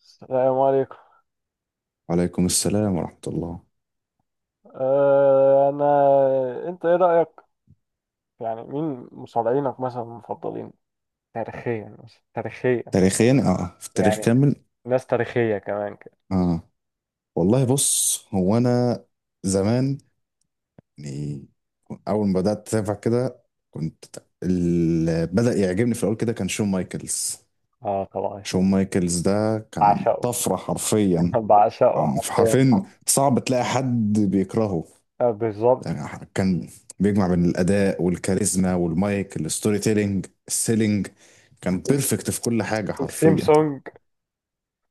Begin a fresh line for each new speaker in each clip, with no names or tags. السلام عليكم.
وعليكم السلام ورحمة الله.
أه انا انت ايه رأيك؟ يعني مين مصارعينك مثلا المفضلين تاريخيا؟ مثلا تاريخيا،
تاريخيا في التاريخ
يعني
كامل.
ناس تاريخية كمان كده.
اه، والله بص، هو انا زمان يعني اول ما بدأت اتابع كده كنت، اللي بدأ يعجبني في الاول كده كان شون مايكلز.
اه، طبعا
شون مايكلز ده كان
بعشقه.
طفرة حرفيا.
بعشقه حرفيا.
حرفيا صعب تلاقي حد بيكرهه،
آه، بالظبط.
يعني كان بيجمع بين الأداء والكاريزما والمايك الستوري تيلينج السيلينج، كان
ال-
بيرفكت في كل حاجة حرفيا.
السيمسونج.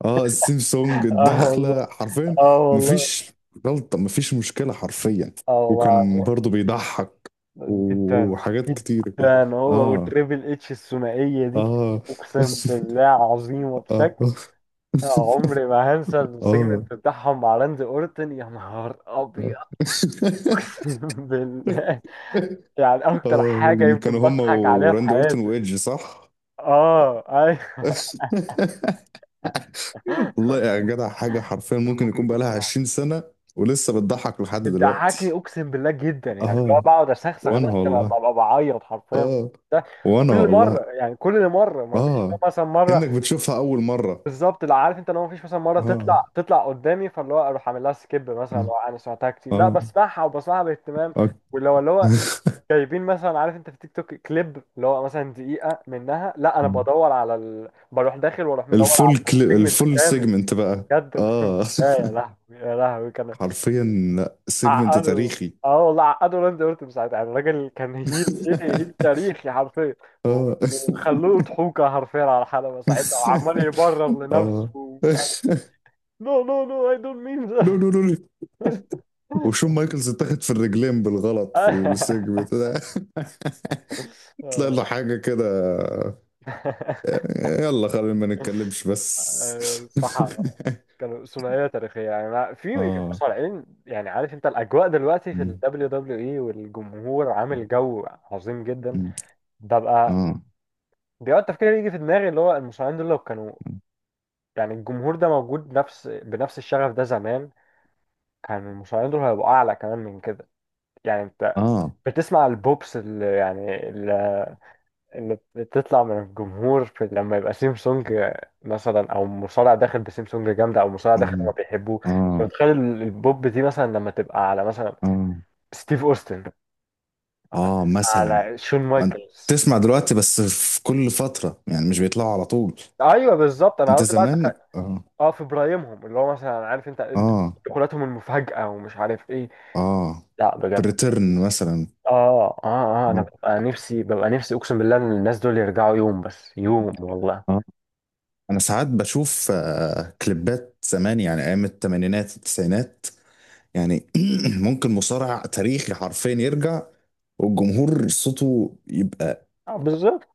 اه السيم سونج
اه والله،
الدخلة حرفيا.
اه والله،
مفيش غلطة، مفيش مشكلة حرفيا.
اه
وكان
والله
برضو بيضحك
العظيم. جدا
وحاجات كتير كده.
جدا، هو
اه.
والتريبل اتش الثنائية دي.
اه.
اقسم بالله عظيمة
اه.
بشكل، عمري ما هنسى
اه.
السيجمنت بتاعهم مع راندي اورتن. يا نهار ابيض، اقسم بالله، يعني اكتر حاجه
اه،
يمكن
كانوا هما
بضحك عليها في
وراندي اورتون
حياتي.
وايدج، صح؟
اه، ايوه.
والله يا جدع، حاجة حرفيا
كان
ممكن
ممكن
يكون
يكون
بقالها
بقى،
20 سنة ولسه بتضحك لحد
بتضحكني
دلوقتي.
اقسم بالله جدا، يعني اللي هو
اه،
بقعد اسخسخ
وانا
ده كما
والله.
ببقى بعيط حرفيا.
اه،
ده
وانا
كل مره،
والله.
يعني كل مره ما فيش
اه،
مثلا
كأنك
مره.
بتشوفها أول مرة.
بالظبط، لا عارف انت، لو مفيش مثلا مره
اه.
تطلع قدامي فاللي هو اروح اعمل لها سكيب، مثلا
اه.
لو انا سمعتها كتير، لا
اه,
بسمعها وبسمعها باهتمام.
آه.
واللي هو جايبين مثلا، عارف انت في تيك توك كليب اللي هو مثلا دقيقه منها، لا انا بدور على بروح داخل واروح مدور
الفول
على السيجمنت
الفول
كامل.
سيجمنت بقى.
بجد اقسم
اه.
بالله، يا لهوي يا لهوي كان
حرفيا، لا سيجمنت
عقده.
تاريخي.
اه والله، عقده راندي اورتون ساعتها، يعني الراجل كان هيل، ايه هيل تاريخي حرفيا.
اه.
وخلوه ضحوكه حرفيا على الحلبه ساعتها، وعمال يبرر لنفسه
اه.
ومش عارف. No, no, no, I don't mean
نو
that.
نو نو. وشون مايكلز اتاخد في الرجلين بالغلط في السيجمنت ده. طلع
آه.
له حاجة كده. يلا خلينا ما نتكلمش بس.
آه، صح. كانوا ثنائية تاريخية، يعني في
اه.
مصارعين، يعني عارف انت الأجواء دلوقتي في ال WWE والجمهور عامل جو عظيم جدا.
مم.
ببقى
اه.
بيقعد تفكير يجي في دماغي، اللي هو المصارعين دول لو كانوا، يعني الجمهور ده موجود نفس بنفس الشغف ده زمان، كان المصارعين دول هيبقوا أعلى كمان من كده. يعني انت
اه.
بتسمع البوبس اللي يعني ان بتطلع من الجمهور في لما يبقى سيمسونج مثلا، او مصارع داخل بسيمسونج جامده، او مصارع داخل ما
مم.
بيحبوه. انت
اه.
متخيل البوب دي مثلا لما تبقى على مثلا
اه.
ستيف اوستن،
اه مثلا.
على شون
ما انت
مايكلز.
تسمع دلوقتي بس في كل فترة، يعني مش بيطلعوا على طول.
ايوه بالظبط، انا
انت
قصدي بقى
زمان اه.
اه في برايمهم، اللي هو مثلا عارف انت
اه.
دخولاتهم المفاجاه ومش عارف ايه.
اه.
لا
في
بجد.
الريتيرن مثلا.
اه اه انا
اه.
ببقى نفسي اقسم بالله ان الناس دول يرجعوا يوم، بس يوم والله.
اه. انا ساعات بشوف آه كليبات زمان، يعني ايام الثمانينات التسعينات، يعني ممكن مصارع تاريخي حرفيا يرجع والجمهور صوته يبقى
اه بالظبط.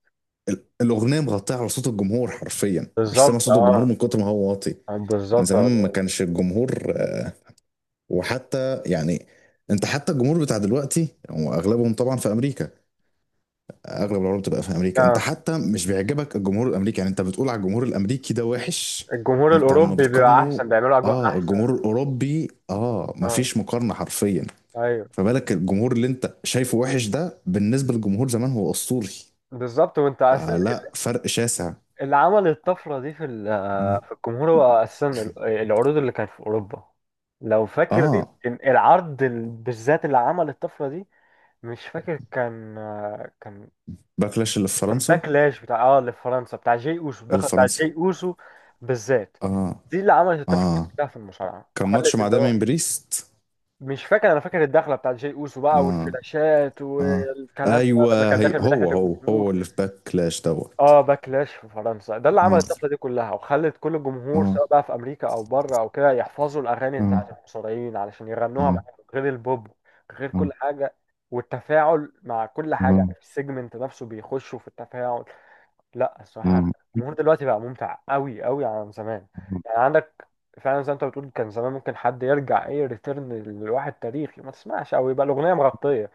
ال- الاغنيه مغطيه على صوت الجمهور حرفيا، مش سامع
بالظبط،
صوت الجمهور
اه.
من كتر ما هو واطي.
آه،
يعني
بالظبط.
زمان ما كانش الجمهور، وحتى يعني انت حتى الجمهور بتاع دلوقتي واغلبهم طبعا في امريكا، اغلب العروض بتبقى في امريكا، انت
اه
حتى مش بيعجبك الجمهور الامريكي، يعني انت بتقول على الجمهور الامريكي ده وحش.
الجمهور
انت لما
الاوروبي بيبقى
بتقارنه،
احسن، بيعملوا اجواء
اه
احسن.
الجمهور الاوروبي اه
اه،
مفيش مقارنه حرفيا.
ايوه.
فبالك الجمهور اللي انت شايفه وحش ده بالنسبه للجمهور زمان هو اسطوري.
بالظبط، وانت اصلا
فلا فرق شاسع.
اللي عمل الطفره دي في
اه.
في الجمهور، هو اصلا العروض اللي كانت في اوروبا. لو فاكر
آه.
يمكن العرض بالذات اللي عمل الطفره دي، مش فاكر كان، كان
باكلاش اللي في
كان
فرنسا.
باكلاش بتاع، اه اللي في فرنسا، بتاع جي اوسو،
اللي
الدخل
في
بتاع
فرنسا.
جي اوسو بالذات،
اه.
دي اللي عملت الطفره دي
اه
كلها في المصارعه،
كان ماتش
وخلت
مع
اللي
دامين
هو
بريست.
مش فاكر. انا فاكر الدخله بتاعت جاي اوسو بقى،
اه.
والفلاشات
اه.
والكلام ده لما
ايوه.
كان
هي
داخل من ناحيه
هو هو هو
الجمهور.
اللي في باكلاش دوت.
اه، باكلاش في فرنسا ده اللي عمل
اه.
الطفره دي كلها، وخلت كل الجمهور
اه.
سواء بقى في امريكا او بره او كده، يحفظوا الاغاني
اه.
بتاعت المصارعين علشان يغنوها
اه.
معاهم، غير البوب، غير
اه.
كل حاجه، والتفاعل مع كل حاجه.
اه.
يعني في السيجمنت نفسه بيخشوا في التفاعل. لا الصراحه،
اه.
الجمهور دلوقتي بقى ممتع قوي قوي عن زمان. يعني عندك، فعلا زي ما انت بتقول، كان زمان ممكن حد يرجع، ايه ريتيرن لواحد تاريخي، ما تسمعش او يبقى الاغنيه مغطيه.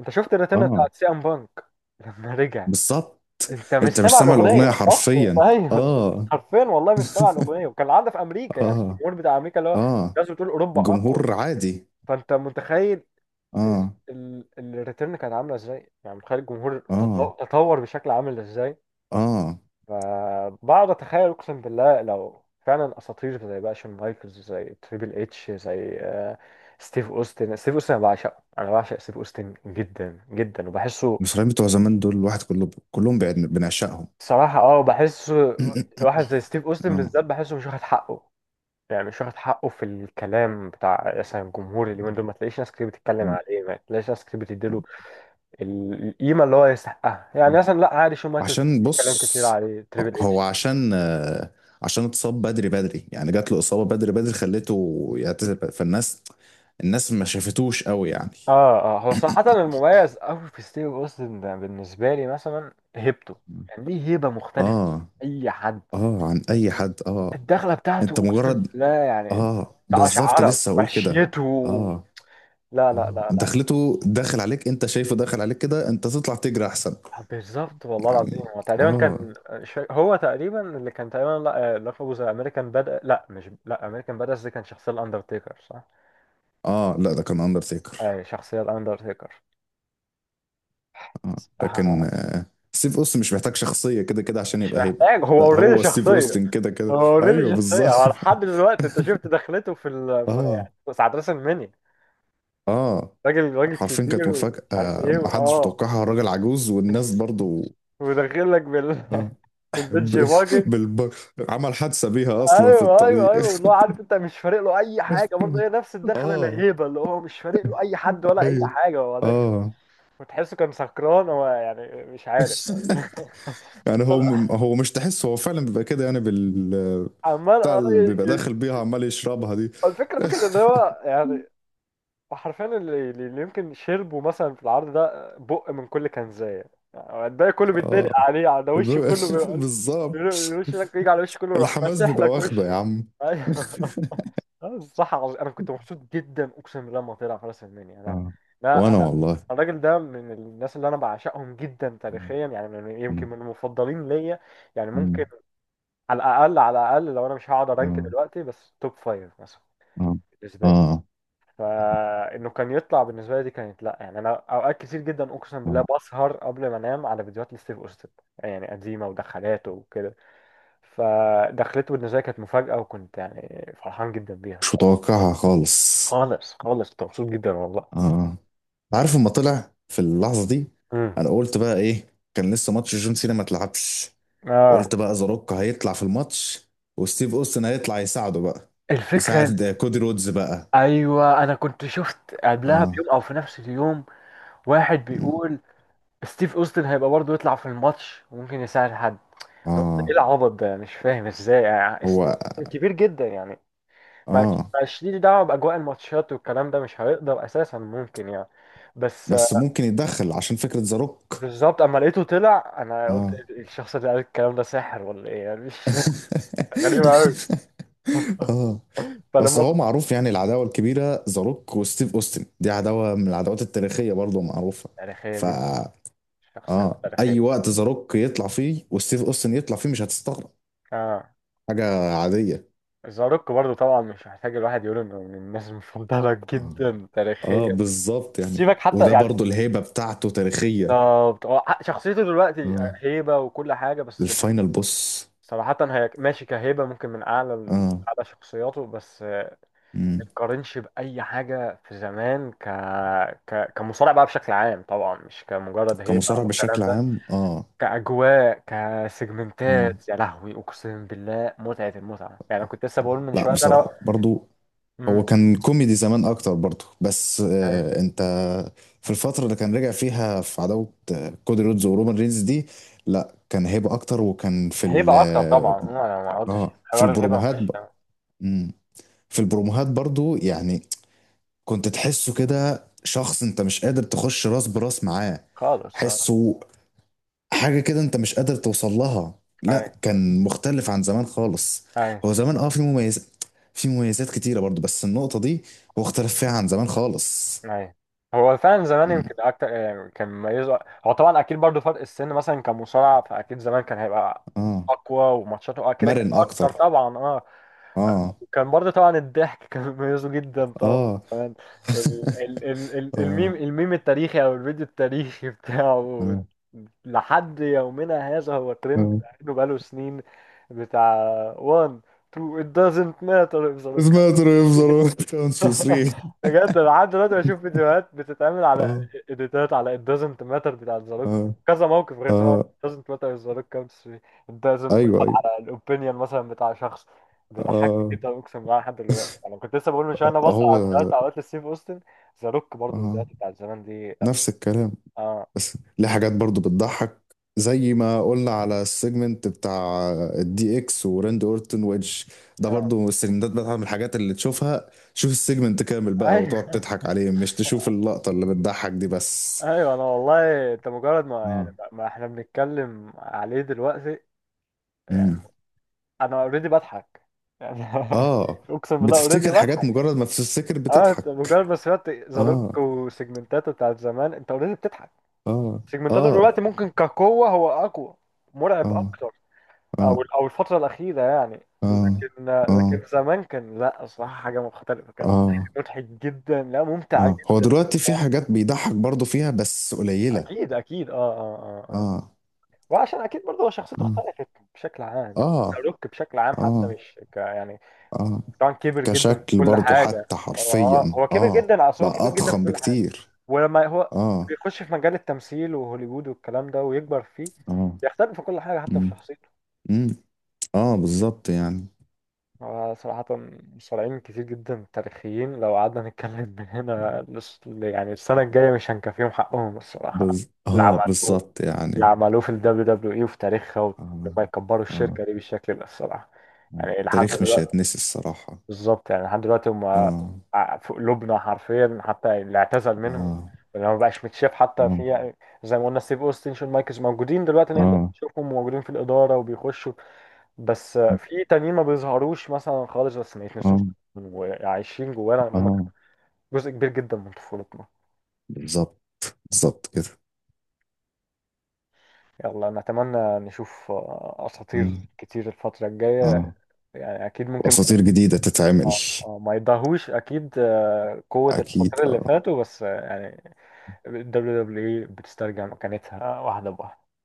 انت شفت
اه.
الريتيرن
آه،
بتاعت سي ام بانك؟ لما رجع
بالظبط.
انت مش
انت مش
سامع
سامع الاغنيه
الاغنيه اصلا.
حرفيا.
ايوه أنت
اه.
حرفيا والله مش سامع الاغنيه، وكان العادة في امريكا، يعني
اه.
الجمهور بتاع امريكا اللي هو
اه.
الناس بتقول اوروبا اقوى.
الجمهور عادي.
فانت متخيل ال-
اه.
ال- الريتيرن كانت عامله ازاي؟ يعني متخيل الجمهور
اه.
تطور بشكل عامل ازاي.
اه.
فبقعد اتخيل اقسم بالله، لو فعلا اساطير زي بقى شون مايكلز، زي تريبل اتش، زي ستيف اوستن. انا بعشقه، انا بعشق ستيف اوستن جدا جدا، وبحسه
المصريين بتوع زمان دول الواحد كله، كلهم بنعشقهم.
صراحة. اه، بحسه. واحد زي ستيف اوستن
اه.
بالذات بحسه مش واخد حقه، يعني مش واخد حقه في الكلام بتاع مثلا الجمهور اليومين دول. ما تلاقيش ناس كتير بتتكلم
اه.
عليه، ما تلاقيش ناس كتير بتديله القيمة اللي هو يستحقها.
آه.
يعني مثلا لا عادي، شون مايكلز
عشان
بيتكلم كتير
بص،
عليه، تريبل.
هو عشان آه، عشان اتصاب بدري بدري، يعني جات له إصابة بدري بدري خلته يعتزل، فالناس الناس ما شافتوش قوي يعني.
اه هو صراحة المميز أوي في ستيف أوستن ده بالنسبة لي مثلا هيبته.
مم.
يعني ليه هيبة مختلفة
اه.
عن أي حد.
اه عن اي حد اه.
الدخلة
انت
بتاعته أقسم
مجرد،
بالله يعني
اه بالظبط
تقشعرك
لسه هقول كده.
مشيته.
اه.
لا لا
اه
لا لا
دخلته داخل عليك، انت شايفه داخل عليك كده، انت تطلع تجري احسن.
آه، بالظبط والله العظيم.
يعني
هو تقريبا
اه.
كان، هو تقريبا اللي كان تقريبا، لا لقبه زي أمريكان بدأ، لا مش، لا أمريكان بدأ دي كان شخصية الأندرتيكر صح؟
اه. لا ده كان اندرتيكر.
أي شخصية الأندرتيكر،
آه.
صح.
لكن ستيف اوستن مش محتاج شخصية كده كده عشان
مش
يبقى هيبة.
محتاج، هو
لا
اوريدي
هو ستيف
شخصية.
اوستن كده كده،
هو اوريدي
ايوه بالظبط.
شخصية، هو لحد دلوقتي انت شفت دخلته في ال في
اه.
يعني ساعة راس المنيا؟
اه.
راجل، راجل
حرفيا كانت
كبير ومش
مفاجأة،
عارف ايه،
محدش
واه.
متوقعها، الراجل عجوز، والناس برضو
وداخل لك بال
اه.
بالبنش
ب...
باجي.
بالب... عمل حادثة بيها اصلا في
ايوه ايوه
الطريق.
ايوه، اللي هو عارف انت مش فارق له اي حاجة برضه، هي نفس الدخلة،
اه.
الهيبة اللي هو مش فارق له اي حد ولا اي
ايوه.
حاجة، هو داخل.
اه.
وتحسه كان سكران هو، يعني مش عارف.
يعني هو، هو مش تحس، هو فعلا بيبقى كده يعني بال
عمال،
بتاع اللي بيبقى داخل بيها عمال يشربها دي.
الفكرة فكرة ان هو يعني، وحرفيا اللي يمكن شربوا مثلا في العرض ده، آه، بق من كل كنزاية، يعني الباقي كله بيتدلق
اه.
عليه، على وش
ب-
كله بيبقى،
بالظبط.
الوش لك يجي على وش كله، يروح
الحماس
ماسح
بيبقى
لك
واخده
وش.
يا عم.
ايوه. الصح عظيم، انا كنت مبسوط جدا اقسم بالله لما طلع فارس المنيا. لا،
اه،
لا
وانا
انا
والله.
الراجل ده من الناس اللي انا بعشقهم جدا
مم.
تاريخيا، يعني من يمكن
انا.
من المفضلين ليا. يعني ممكن،
مم.
على الاقل، لو انا مش هقعد ارانك
اه.
دلوقتي، بس توب فايف مثلا
اه.
بالنسبه لي،
اه.
فانه كان يطلع بالنسبه لي دي كانت، لا يعني انا اوقات كتير جدا اقسم
آه.
بالله بسهر قبل ما انام على فيديوهات لستيف اوستن، يعني قديمه ودخلاته وكده. فدخلته بالنسبه لي كانت مفاجاه، وكنت يعني فرحان جدا بيها
مش
الصراحه.
متوقعها خالص.
خالص، خالص كنت مبسوط جدا والله.
اه. عارف لما طلع في اللحظه دي،
امم
انا قلت بقى ايه، كان لسه ماتش جون سينا ما اتلعبش. قلت
اه،
بقى ذا روك هيطلع في الماتش، وستيف اوستن هيطلع يساعده بقى،
الفكره
يساعد كودي رودز بقى.
ايوه انا كنت شفت قبلها
اه.
بيوم او في نفس اليوم واحد بيقول ستيف اوستن هيبقى برضه يطلع في الماتش وممكن يساعد حد. أنا قلت ايه
اه.
العبط ده؟ مش فاهم ازاي، يعني ستيف
هو
أوستن كبير جدا يعني، مش
اه.
مش ليه دعوه باجواء الماتشات والكلام ده، مش هيقدر اساسا ممكن يعني. بس
بس ممكن يتدخل عشان فكرة ذا روك.
بالظبط، اما لقيته طلع انا قلت
اه.
الشخص اللي قال الكلام ده ساحر ولا ايه، يعني مش فاهم. غريبه قوي.
اه. بس هو
فلما،
معروف، يعني العداوة الكبيرة ذا روك وستيف اوستن دي عداوة من العداوات التاريخية برضه معروفة.
تاريخيه
ف
جدا، شخصيه
اه، اي
تاريخيه.
وقت ذا روك يطلع فيه وستيف اوستن يطلع فيه مش هتستغرب،
اه،
حاجة عادية.
زاروك برضو طبعا مش محتاج الواحد يقول انه من الناس المفضله
اه.
جدا
اه
تاريخيا.
بالظبط يعني،
سيبك حتى
وده
يعني،
برضه الهيبة بتاعته تاريخية.
بالظبط هو شخصيته دلوقتي
اه
هيبه وكل حاجه، بس
الفاينل بوس.
صراحه هي ماشي كهيبه، ممكن من اعلى
اه.
اعلى شخصياته، بس
مم.
تقارنش بأي حاجة في زمان كمصارع بقى بشكل عام طبعا، مش كمجرد هيبة
كمصارع
أو
بشكل
الكلام ده.
عام اه.
كأجواء،
اه.
كسيجمنتات، يا لهوي أقسم بالله متعة المتعة. يعني أنا كنت لسه
آه.
بقول من
لا
شوية ده أنا.
بصراحة برضو هو
امم
كان كوميدي زمان اكتر برضه، بس
أيوة.
آه، انت في الفتره اللي كان رجع فيها في عداوه آه كودي رودز ورومان رينز دي لا كان هيبه اكتر. وكان في ال
هيبة أكتر
اه،
طبعا، أه، أنا ما قلتش
آه، في
حوار الهيبة، ما
البروموهات
فيهاش كلام
مم. في البروموهات برضه يعني كنت تحسه كده شخص انت مش قادر تخش راس براس معاه،
خالص. أه،
حسه حاجة كده انت مش قادر توصل لها. لا
أيوة،
كان مختلف عن زمان خالص.
أيوة.
هو زمان اه في مميزات، في مميزات كتيرة برضو، بس النقطة دي هو اختلف فيها عن زمان خالص.
أيوة هو فعلا زمان
مم.
يمكن أكتر يعني كان مميزه. هو طبعا أكيد برضو فرق السن مثلا كمصارع، فأكيد زمان كان هيبقى
اه.
أقوى. وماتشاته أه كده كانت
مرن
أكتر
اكتر.
طبعا، أه.
اه.
كان برضه طبعا الضحك كان مميزه جدا طبعا
اه.
كمان. ال ال ال ال
اه.
الميم، التاريخي او الفيديو التاريخي بتاعه
اه.
لحد يومنا هذا هو ترند
اه
بقاله سنين. بتاع 1 2 it doesn't matter if the look.
سمعت ريف زراعة كانت في سرير.
بجد انا لحد دلوقتي بشوف فيديوهات بتتعمل على
اه.
اديتات على it doesn't matter بتاعت ذا روك،
اه.
كذا موقف، غير طبعا
اه.
it doesn't matter is the rock counts free. it doesn't
ايوه
matter
ايوه.
على الاوبينيون مثلا بتاع شخص. بيضحكني
اه.
جدا اقسم بالله لحد دلوقتي. انا كنت لسه بقول من شويه انا
آه،
بص
هو
على فيديوهات اوقات لستيف اوستن. ذا روك برضه
اه
الفيديوهات بتاعت زمان دي، لا.
نفس الكلام،
اه
بس ليه حاجات برضو بتضحك، زي ما قلنا على السيجمنت بتاع الدي اكس وراند اورتون ويدج، ده
اه
برضو السيجمنتات بتاعت من الحاجات اللي تشوفها، شوف السيجمنت كامل بقى وتقعد
ايوه.
تضحك عليه، مش تشوف اللقطة اللي بتضحك دي بس.
ايوه انا والله انت مجرد ما يعني،
اه.
ما احنا بنتكلم عليه دلوقتي يعني،
مم.
انا اوريدي بضحك يعني.
اه.
اقسم بالله اوريدي
بتفتكر حاجات،
بضحك.
مجرد ما بتفتكر
اه، انت
بتضحك.
مجرد ما سمعت ذا
اه.
روك وسيجمنتاته بتاعت زمان، انت اوريدي بتضحك.
اه.
سيجمنتاته
اه.
دلوقتي ممكن كقوة هو اقوى، مرعب
اه.
اكتر، او
اه.
او الفترة الأخيرة يعني،
اه.
لكن، لكن
اه.
زمان كان لا صراحة حاجة مختلفة، كان
اه.
مضحك جدا، لا ممتع
اه. هو
جدا.
دلوقتي في حاجات بيضحك برضو فيها بس قليلة.
اكيد اكيد، اه آه.
اه.
وعشان اكيد برضه هو شخصيته
اه.
اختلفت بشكل عام، يعني
اه.
شاروك بشكل عام حتى
اه.
مش ك يعني،
اه.
طبعا كبر جدا في
كشكل
كل
برضو
حاجه.
حتى
اه،
حرفيا
هو كبر
اه
جدا، اصل هو
بقى
كبر جدا في
اضخم
كل حاجه،
بكتير.
ولما هو
اه.
بيخش في مجال التمثيل وهوليوود والكلام ده ويكبر فيه،
اه.
بيختلف في كل حاجه حتى في
امم.
شخصيته.
امم. اه بالظبط يعني.
هو صراحة مصارعين كتير جدا تاريخيين، لو قعدنا نتكلم من هنا يعني السنة الجاية مش هنكفيهم حقهم الصراحة. اللي
اه
عملوه،
بالظبط يعني.
في ال WWE وفي تاريخها، ولما
اه.
يكبروا
اه.
الشركة دي بالشكل ده الصراحة.
آه.
يعني لحد
التاريخ مش
دلوقتي،
هيتنسي الصراحة.
بالظبط يعني لحد دلوقتي هم
اه.
في قلوبنا حرفيا. حتى اللي اعتزل منهم،
اه.
اللي ما بقاش متشاف، حتى
اه.
في زي ما قلنا ستيف اوستن، شون مايكلز موجودين دلوقتي، نقدر
اه.
نشوفهم موجودين في الإدارة وبيخشوا. بس
اه.
في تانيين ما بيظهروش مثلا خالص، بس ما يتنسوش،
اه.
وعايشين جوانا ان هم
آه.
جزء كبير جدا من طفولتنا.
بالظبط. بالظبط كده.
يلا نتمنى نشوف اساطير
آه.
كتير الفترة الجاية.
اه
يعني اكيد ممكن ما،
واساطير جديدة تتعمل.
ما يضاهوش اكيد قوة
اكيد
الاساطير اللي
اه
فاتوا، بس يعني ال WWE بتسترجع مكانتها واحدة بواحدة.